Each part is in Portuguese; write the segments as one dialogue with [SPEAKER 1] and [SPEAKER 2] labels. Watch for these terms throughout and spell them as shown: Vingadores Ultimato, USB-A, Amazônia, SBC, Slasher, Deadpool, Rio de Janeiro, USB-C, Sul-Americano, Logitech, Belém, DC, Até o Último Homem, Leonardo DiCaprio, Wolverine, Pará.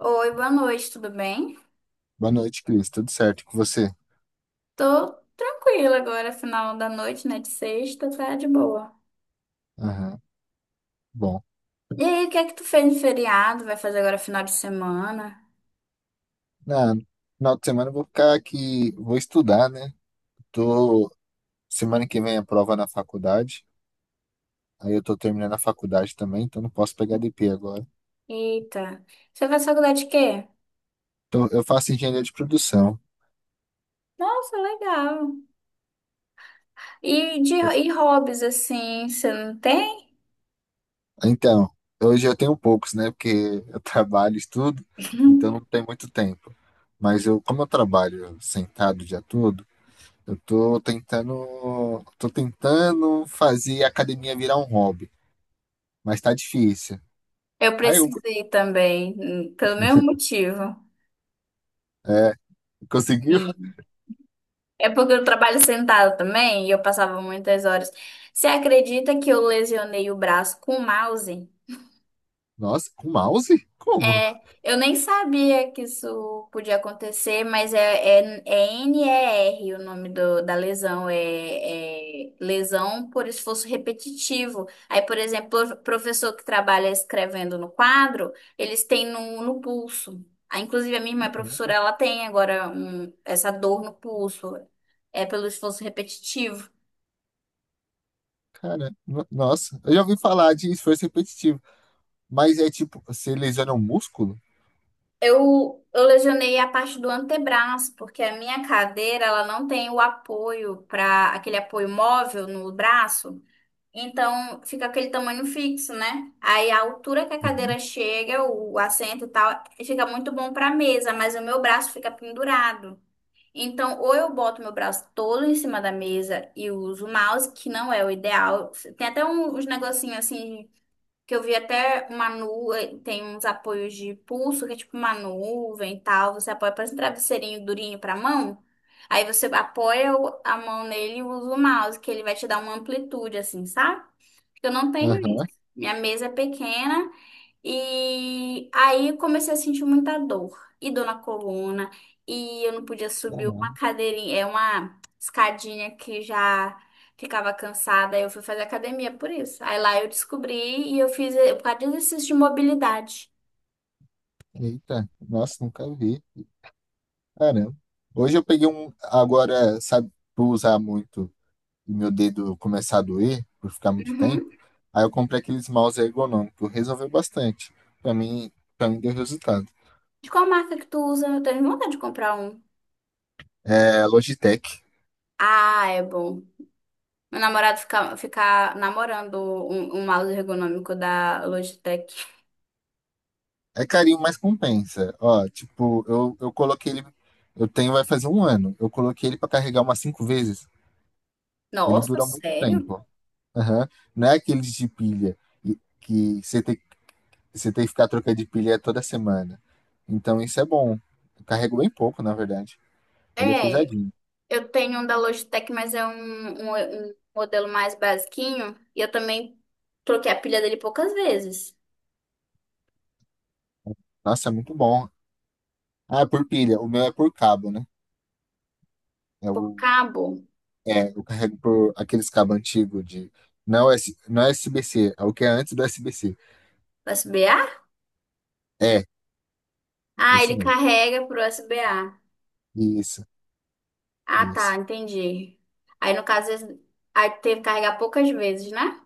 [SPEAKER 1] Oi, boa noite, tudo bem?
[SPEAKER 2] Boa noite, Cris. Tudo certo com você?
[SPEAKER 1] Tô tranquila agora, final da noite, né? De sexta, tá de boa.
[SPEAKER 2] Aham. Bom,
[SPEAKER 1] E aí, o que é que tu fez no feriado? Vai fazer agora final de semana?
[SPEAKER 2] na final de semana eu vou ficar aqui, vou estudar, né? Tô, semana que vem a prova na faculdade. Aí eu tô terminando a faculdade também, então não posso pegar DP agora.
[SPEAKER 1] Eita, você faz faculdade de quê?
[SPEAKER 2] Então, eu faço engenharia de produção.
[SPEAKER 1] Nossa, legal. E hobbies, assim, você não tem?
[SPEAKER 2] Então, hoje eu tenho poucos, né? Porque eu trabalho, estudo, então não tem muito tempo. Mas eu, como eu trabalho sentado o dia todo, eu tô tentando fazer a academia virar um hobby. Mas tá difícil.
[SPEAKER 1] Eu
[SPEAKER 2] Aí um,
[SPEAKER 1] precisei também, pelo mesmo motivo.
[SPEAKER 2] é, conseguiu?
[SPEAKER 1] E é porque eu trabalho sentada também e eu passava muitas horas. Você acredita que eu lesionei o braço com o mouse?
[SPEAKER 2] Nossa, com mouse? Como?
[SPEAKER 1] É, eu nem sabia que isso podia acontecer, mas é NER o nome da lesão, é lesão por esforço repetitivo. Aí, por exemplo, o professor que trabalha escrevendo no quadro, eles têm no pulso. Ah, inclusive, a minha irmã é professora, ela tem agora essa dor no pulso, é pelo esforço repetitivo.
[SPEAKER 2] Cara, nossa, eu já ouvi falar de esforço repetitivo, mas é tipo, você lesiona o músculo?
[SPEAKER 1] Eu lesionei a parte do antebraço, porque a minha cadeira, ela não tem o apoio para aquele apoio móvel no braço, então fica aquele tamanho fixo, né? Aí a altura que a cadeira
[SPEAKER 2] Uhum.
[SPEAKER 1] chega, o assento e tal, fica muito bom para mesa, mas o meu braço fica pendurado. Então, ou eu boto meu braço todo em cima da mesa e uso o mouse, que não é o ideal. Tem até uns negocinhos assim que eu vi até uma nuvem, tem uns apoios de pulso, que é tipo uma nuvem e tal. Você apoia, parece um travesseirinho durinho pra mão. Aí você apoia a mão nele e usa o mouse, que ele vai te dar uma amplitude, assim, sabe? Eu não tenho isso.
[SPEAKER 2] Aham,
[SPEAKER 1] Minha mesa é pequena e aí eu comecei a sentir muita dor e dor na coluna e eu não podia subir uma
[SPEAKER 2] caramba.
[SPEAKER 1] cadeirinha, é uma escadinha que já ficava cansada. Aí Eu fui fazer academia por isso. Aí lá eu descobri e eu fiz por causa de exercício de mobilidade.
[SPEAKER 2] Eita, nossa, nunca vi. Caramba. Hoje eu peguei um, agora, sabe, por usar muito e meu dedo começar a doer, por ficar muito tempo,
[SPEAKER 1] Uhum.
[SPEAKER 2] aí eu comprei aqueles mouse ergonômicos, resolveu bastante. Pra mim, pra mim deu resultado.
[SPEAKER 1] De qual marca que tu usa? Eu tenho vontade de comprar um.
[SPEAKER 2] É, Logitech.
[SPEAKER 1] Ah, é bom. Meu namorado fica namorando um mouse ergonômico da Logitech.
[SPEAKER 2] É carinho, mas compensa. Ó, tipo, eu coloquei ele. Eu tenho, vai fazer um ano. Eu coloquei ele pra carregar umas cinco vezes. Ele
[SPEAKER 1] Nossa,
[SPEAKER 2] dura muito
[SPEAKER 1] sério?
[SPEAKER 2] tempo. Aham. Não é aqueles de pilha que você tem que ficar trocando de pilha toda semana. Então isso é bom. Eu carrego bem pouco, na verdade. Ele é
[SPEAKER 1] É.
[SPEAKER 2] pesadinho.
[SPEAKER 1] Eu tenho um da Logitech, mas é um modelo mais basiquinho. E eu também troquei a pilha dele poucas vezes.
[SPEAKER 2] Nossa, é muito bom. Ah, é por pilha. O meu é por cabo, né? É
[SPEAKER 1] Por
[SPEAKER 2] o,
[SPEAKER 1] cabo
[SPEAKER 2] é, eu carrego por aqueles cabos antigos de. Não é, não é SBC, é o que é antes do USB-C.
[SPEAKER 1] USB-A?
[SPEAKER 2] É,
[SPEAKER 1] Ah,
[SPEAKER 2] esse
[SPEAKER 1] ele
[SPEAKER 2] mesmo.
[SPEAKER 1] carrega por USB-A.
[SPEAKER 2] Isso.
[SPEAKER 1] Ah, tá,
[SPEAKER 2] Isso.
[SPEAKER 1] entendi. Aí no caso, aí teve que carregar poucas vezes, né?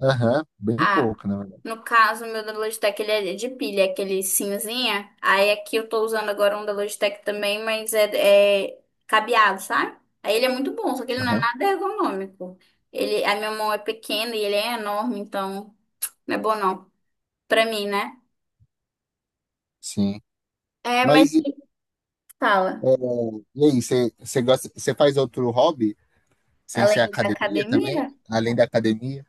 [SPEAKER 2] Aham, bem
[SPEAKER 1] Ah,
[SPEAKER 2] pouco, na verdade.
[SPEAKER 1] no caso, o meu da Logitech, ele é de pilha, é aquele cinzinha. Aí aqui eu tô usando agora um da Logitech também, mas é cabeado, sabe? Aí ele é muito bom, só que ele não é
[SPEAKER 2] Aham,
[SPEAKER 1] nada ergonômico. Ele, a minha mão é pequena e ele é enorme, então não é bom não. Pra mim, né?
[SPEAKER 2] sim.
[SPEAKER 1] É, mas
[SPEAKER 2] Mas e, é,
[SPEAKER 1] fala,
[SPEAKER 2] e aí, você gosta, você faz outro hobby sem ser
[SPEAKER 1] além da
[SPEAKER 2] academia também?
[SPEAKER 1] academia,
[SPEAKER 2] Além da academia?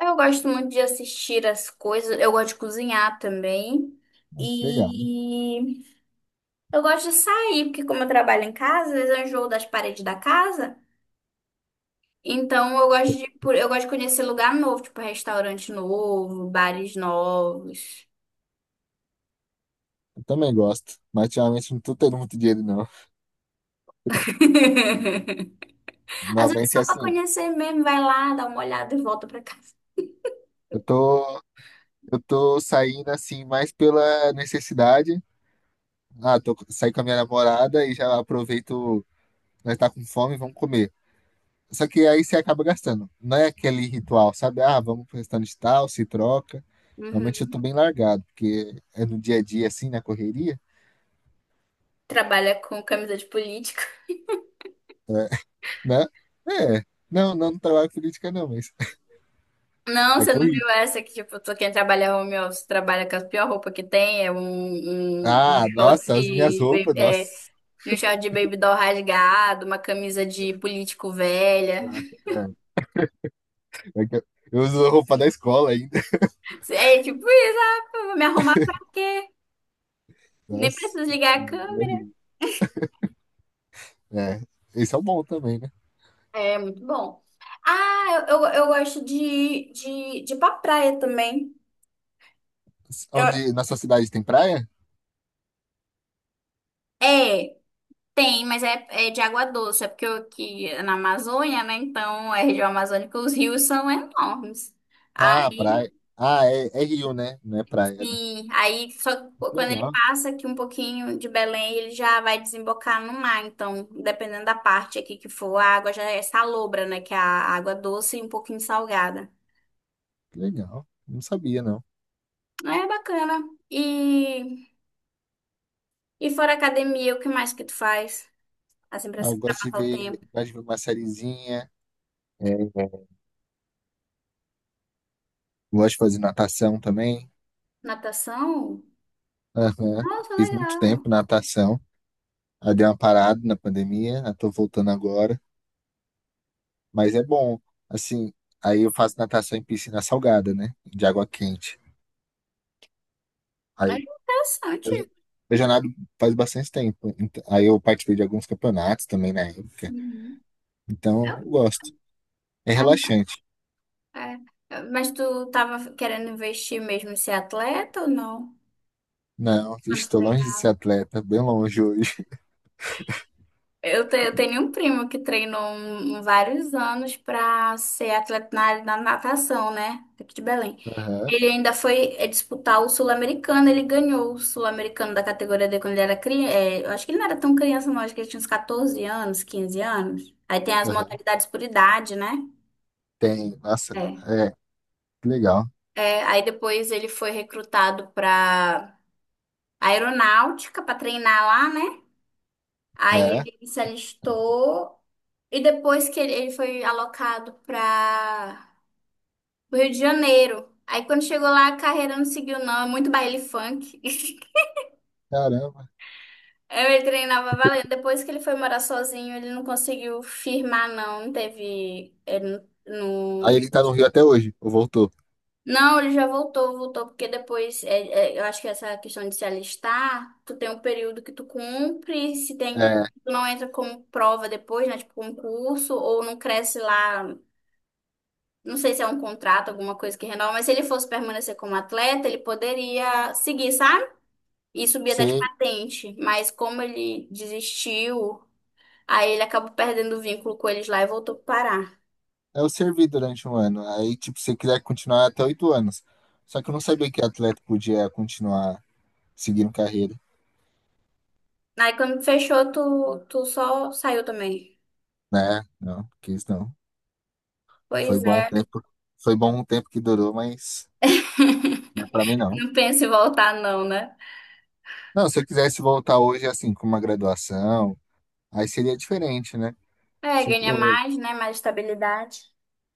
[SPEAKER 1] eu gosto muito de assistir as coisas, eu gosto de cozinhar também.
[SPEAKER 2] Legal.
[SPEAKER 1] E eu gosto de sair, porque como eu trabalho em casa, às vezes eu enjoo das paredes da casa. Então eu gosto de conhecer lugar novo, tipo restaurante novo, bares novos.
[SPEAKER 2] Eu também gosto, mas ultimamente não tô tendo muito dinheiro, não.
[SPEAKER 1] Às vezes
[SPEAKER 2] Normalmente é
[SPEAKER 1] só pra
[SPEAKER 2] assim,
[SPEAKER 1] conhecer mesmo, vai lá, dá uma olhada e volta pra casa.
[SPEAKER 2] eu tô, eu tô saindo assim mais pela necessidade. Ah, tô saí com a minha namorada e já aproveito, nós tá com fome, vamos comer. Só que aí você acaba gastando. Não é aquele ritual, sabe? Ah, vamos pro restaurante tal, se troca. Normalmente eu tô
[SPEAKER 1] Uhum.
[SPEAKER 2] bem largado, porque é no dia a dia, assim, na correria,
[SPEAKER 1] Trabalha com camisa de político.
[SPEAKER 2] né? É. Não, não trabalho com política, não, mas
[SPEAKER 1] Não,
[SPEAKER 2] é
[SPEAKER 1] você não
[SPEAKER 2] corrido.
[SPEAKER 1] viu essa que, tipo, quem trabalha home office trabalha com a pior roupa que tem, é um, um, um
[SPEAKER 2] Ah, nossa, as minhas
[SPEAKER 1] short,
[SPEAKER 2] roupas,
[SPEAKER 1] ba- é,
[SPEAKER 2] nossa.
[SPEAKER 1] um short de baby doll rasgado, uma camisa de político velha.
[SPEAKER 2] É, é que eu uso roupa da escola ainda.
[SPEAKER 1] É tipo isso, ah, eu vou me arrumar pra quê? Nem
[SPEAKER 2] Nossa.
[SPEAKER 1] preciso ligar a câmera.
[SPEAKER 2] Horrível. É, esse é o bom também, né?
[SPEAKER 1] É muito bom. Ah, eu gosto de ir pra praia também. Eu,
[SPEAKER 2] Onde na sua cidade tem praia?
[SPEAKER 1] é, tem, mas é de água doce. É porque eu aqui é na Amazônia, né? Então, é região amazônica, os rios são enormes.
[SPEAKER 2] Ah,
[SPEAKER 1] Aí
[SPEAKER 2] praia. Ah, é, é rio, né? Não é praia, né?
[SPEAKER 1] Sim, aí só quando ele
[SPEAKER 2] Legal,
[SPEAKER 1] passa aqui um pouquinho de Belém, ele já vai desembocar no mar. Então, dependendo da parte aqui que for, a água já é salobra, né? Que é a água doce e um pouquinho salgada.
[SPEAKER 2] legal. Não sabia, não.
[SPEAKER 1] É bacana. E, e fora academia, o que mais que tu faz? Assim, pra,
[SPEAKER 2] Ah, eu
[SPEAKER 1] pra
[SPEAKER 2] gosto de
[SPEAKER 1] passar o
[SPEAKER 2] ver,
[SPEAKER 1] tempo?
[SPEAKER 2] gosto de ver uma sériezinha. É, gosto de fazer natação também.
[SPEAKER 1] Natação?
[SPEAKER 2] Aham.
[SPEAKER 1] Nossa,
[SPEAKER 2] Fiz muito
[SPEAKER 1] legal.
[SPEAKER 2] tempo natação. Aí dei uma parada na pandemia, eu tô voltando agora. Mas é bom. Assim, aí eu faço natação em piscina salgada, né? De água quente.
[SPEAKER 1] É
[SPEAKER 2] Aí
[SPEAKER 1] interessante.
[SPEAKER 2] eu, eu já eu já nado faz bastante tempo. Aí eu participei de alguns campeonatos também na época.
[SPEAKER 1] Uhum.
[SPEAKER 2] Então
[SPEAKER 1] É,
[SPEAKER 2] eu gosto. É relaxante.
[SPEAKER 1] é, é. Mas tu tava querendo investir mesmo em ser atleta ou não?
[SPEAKER 2] Não,
[SPEAKER 1] Quando tu
[SPEAKER 2] estou longe de ser
[SPEAKER 1] treinava?
[SPEAKER 2] atleta, bem longe hoje.
[SPEAKER 1] Eu tenho um primo que treinou vários anos para ser atleta na área da natação, né? Aqui de Belém.
[SPEAKER 2] Aham,
[SPEAKER 1] Ele ainda foi disputar o Sul-Americano, ele ganhou o Sul-Americano da categoria D quando ele era criança. Eu acho que ele não era tão criança, não, acho que ele tinha uns 14 anos, 15 anos. Aí tem as
[SPEAKER 2] aham.
[SPEAKER 1] modalidades por idade, né?
[SPEAKER 2] Tem, nossa,
[SPEAKER 1] É.
[SPEAKER 2] é, que legal.
[SPEAKER 1] É, aí depois ele foi recrutado para aeronáutica para treinar lá, né?
[SPEAKER 2] É,
[SPEAKER 1] Aí ele se alistou. E depois que ele foi alocado para o Rio de Janeiro. Aí quando chegou lá, a carreira não seguiu, não. É muito baile funk.
[SPEAKER 2] caramba.
[SPEAKER 1] Aí Ele treinava valendo. Depois que ele foi morar sozinho, ele não conseguiu firmar, não. Não teve. Ele
[SPEAKER 2] Aí
[SPEAKER 1] não.
[SPEAKER 2] ele tá no Rio até hoje, ou voltou.
[SPEAKER 1] Não, ele já voltou, voltou, porque depois, eu acho que essa questão de se alistar, tu tem um período que tu cumpre, se tem,
[SPEAKER 2] É,
[SPEAKER 1] tu não entra como prova depois, né, tipo concurso, ou não cresce lá. Não sei se é um contrato, alguma coisa que renova, mas se ele fosse permanecer como atleta, ele poderia seguir, sabe? E subir até de
[SPEAKER 2] você
[SPEAKER 1] patente. Mas como ele desistiu, aí ele acabou perdendo o vínculo com eles lá e voltou pro Pará.
[SPEAKER 2] eu servi durante um ano. Aí, tipo, você quiser continuar até 8 anos. Só que eu não sabia que atleta podia continuar seguindo carreira,
[SPEAKER 1] Aí quando fechou, tu só saiu também.
[SPEAKER 2] né? Não, quis não. Foi
[SPEAKER 1] Pois
[SPEAKER 2] bom um
[SPEAKER 1] é.
[SPEAKER 2] tempo, foi bom um tempo que durou, mas não é pra mim não.
[SPEAKER 1] Não penso em voltar, não, né?
[SPEAKER 2] Não, se eu quisesse voltar hoje, assim, com uma graduação, aí seria diferente, né?
[SPEAKER 1] É, ganha
[SPEAKER 2] Tipo,
[SPEAKER 1] mais, né? Mais estabilidade.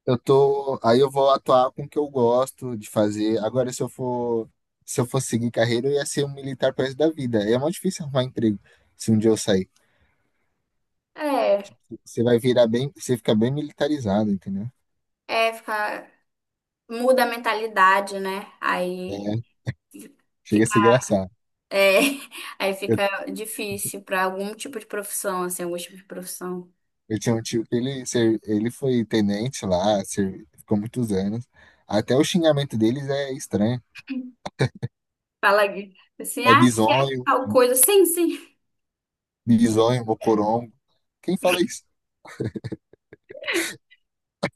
[SPEAKER 2] eu tô, aí eu vou atuar com o que eu gosto de fazer. Agora, se eu for, se eu for seguir carreira, eu ia ser um militar pro resto da vida. É muito difícil arrumar emprego se um dia eu sair.
[SPEAKER 1] É,
[SPEAKER 2] Você vai virar bem, você fica bem militarizado, entendeu?
[SPEAKER 1] é, fica, muda a mentalidade, né?
[SPEAKER 2] É,
[SPEAKER 1] Fi-
[SPEAKER 2] chega a ser engraçado.
[SPEAKER 1] É, aí
[SPEAKER 2] Eu,
[SPEAKER 1] fica difícil para algum tipo de profissão, assim, algum tipo de profissão.
[SPEAKER 2] eu tinha um tio que ele, ele foi tenente lá, ficou muitos anos. Até o xingamento deles é estranho.
[SPEAKER 1] Fala aqui, assim,
[SPEAKER 2] É
[SPEAKER 1] ah, se é
[SPEAKER 2] bisonho,
[SPEAKER 1] tal coisa, sim, sim.
[SPEAKER 2] bisonho, mocorongo. Quem fala isso?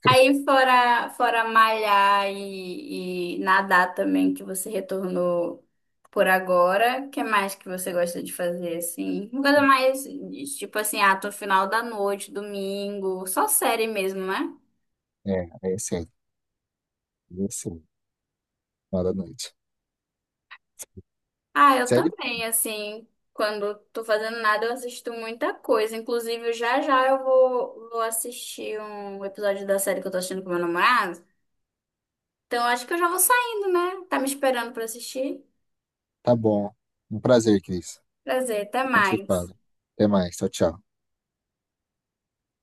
[SPEAKER 1] Aí fora malhar e nadar também, que você retornou por agora, o que mais que você gosta de fazer, assim? Uma coisa mais, tipo assim, ah, tô final da noite, domingo, só série mesmo, né?
[SPEAKER 2] É, é sério. É sério. Fala à noite.
[SPEAKER 1] Ah, eu
[SPEAKER 2] Sério.
[SPEAKER 1] também, assim, quando tô fazendo nada, eu assisto muita coisa. Inclusive, já já eu vou assistir um episódio da série que eu tô assistindo com meu namorado. Então, acho que eu já vou saindo, né? Tá me esperando pra assistir?
[SPEAKER 2] Tá bom. Um prazer, Cris.
[SPEAKER 1] Prazer, até
[SPEAKER 2] A gente se
[SPEAKER 1] mais.
[SPEAKER 2] fala. Até mais. Tchau, tchau.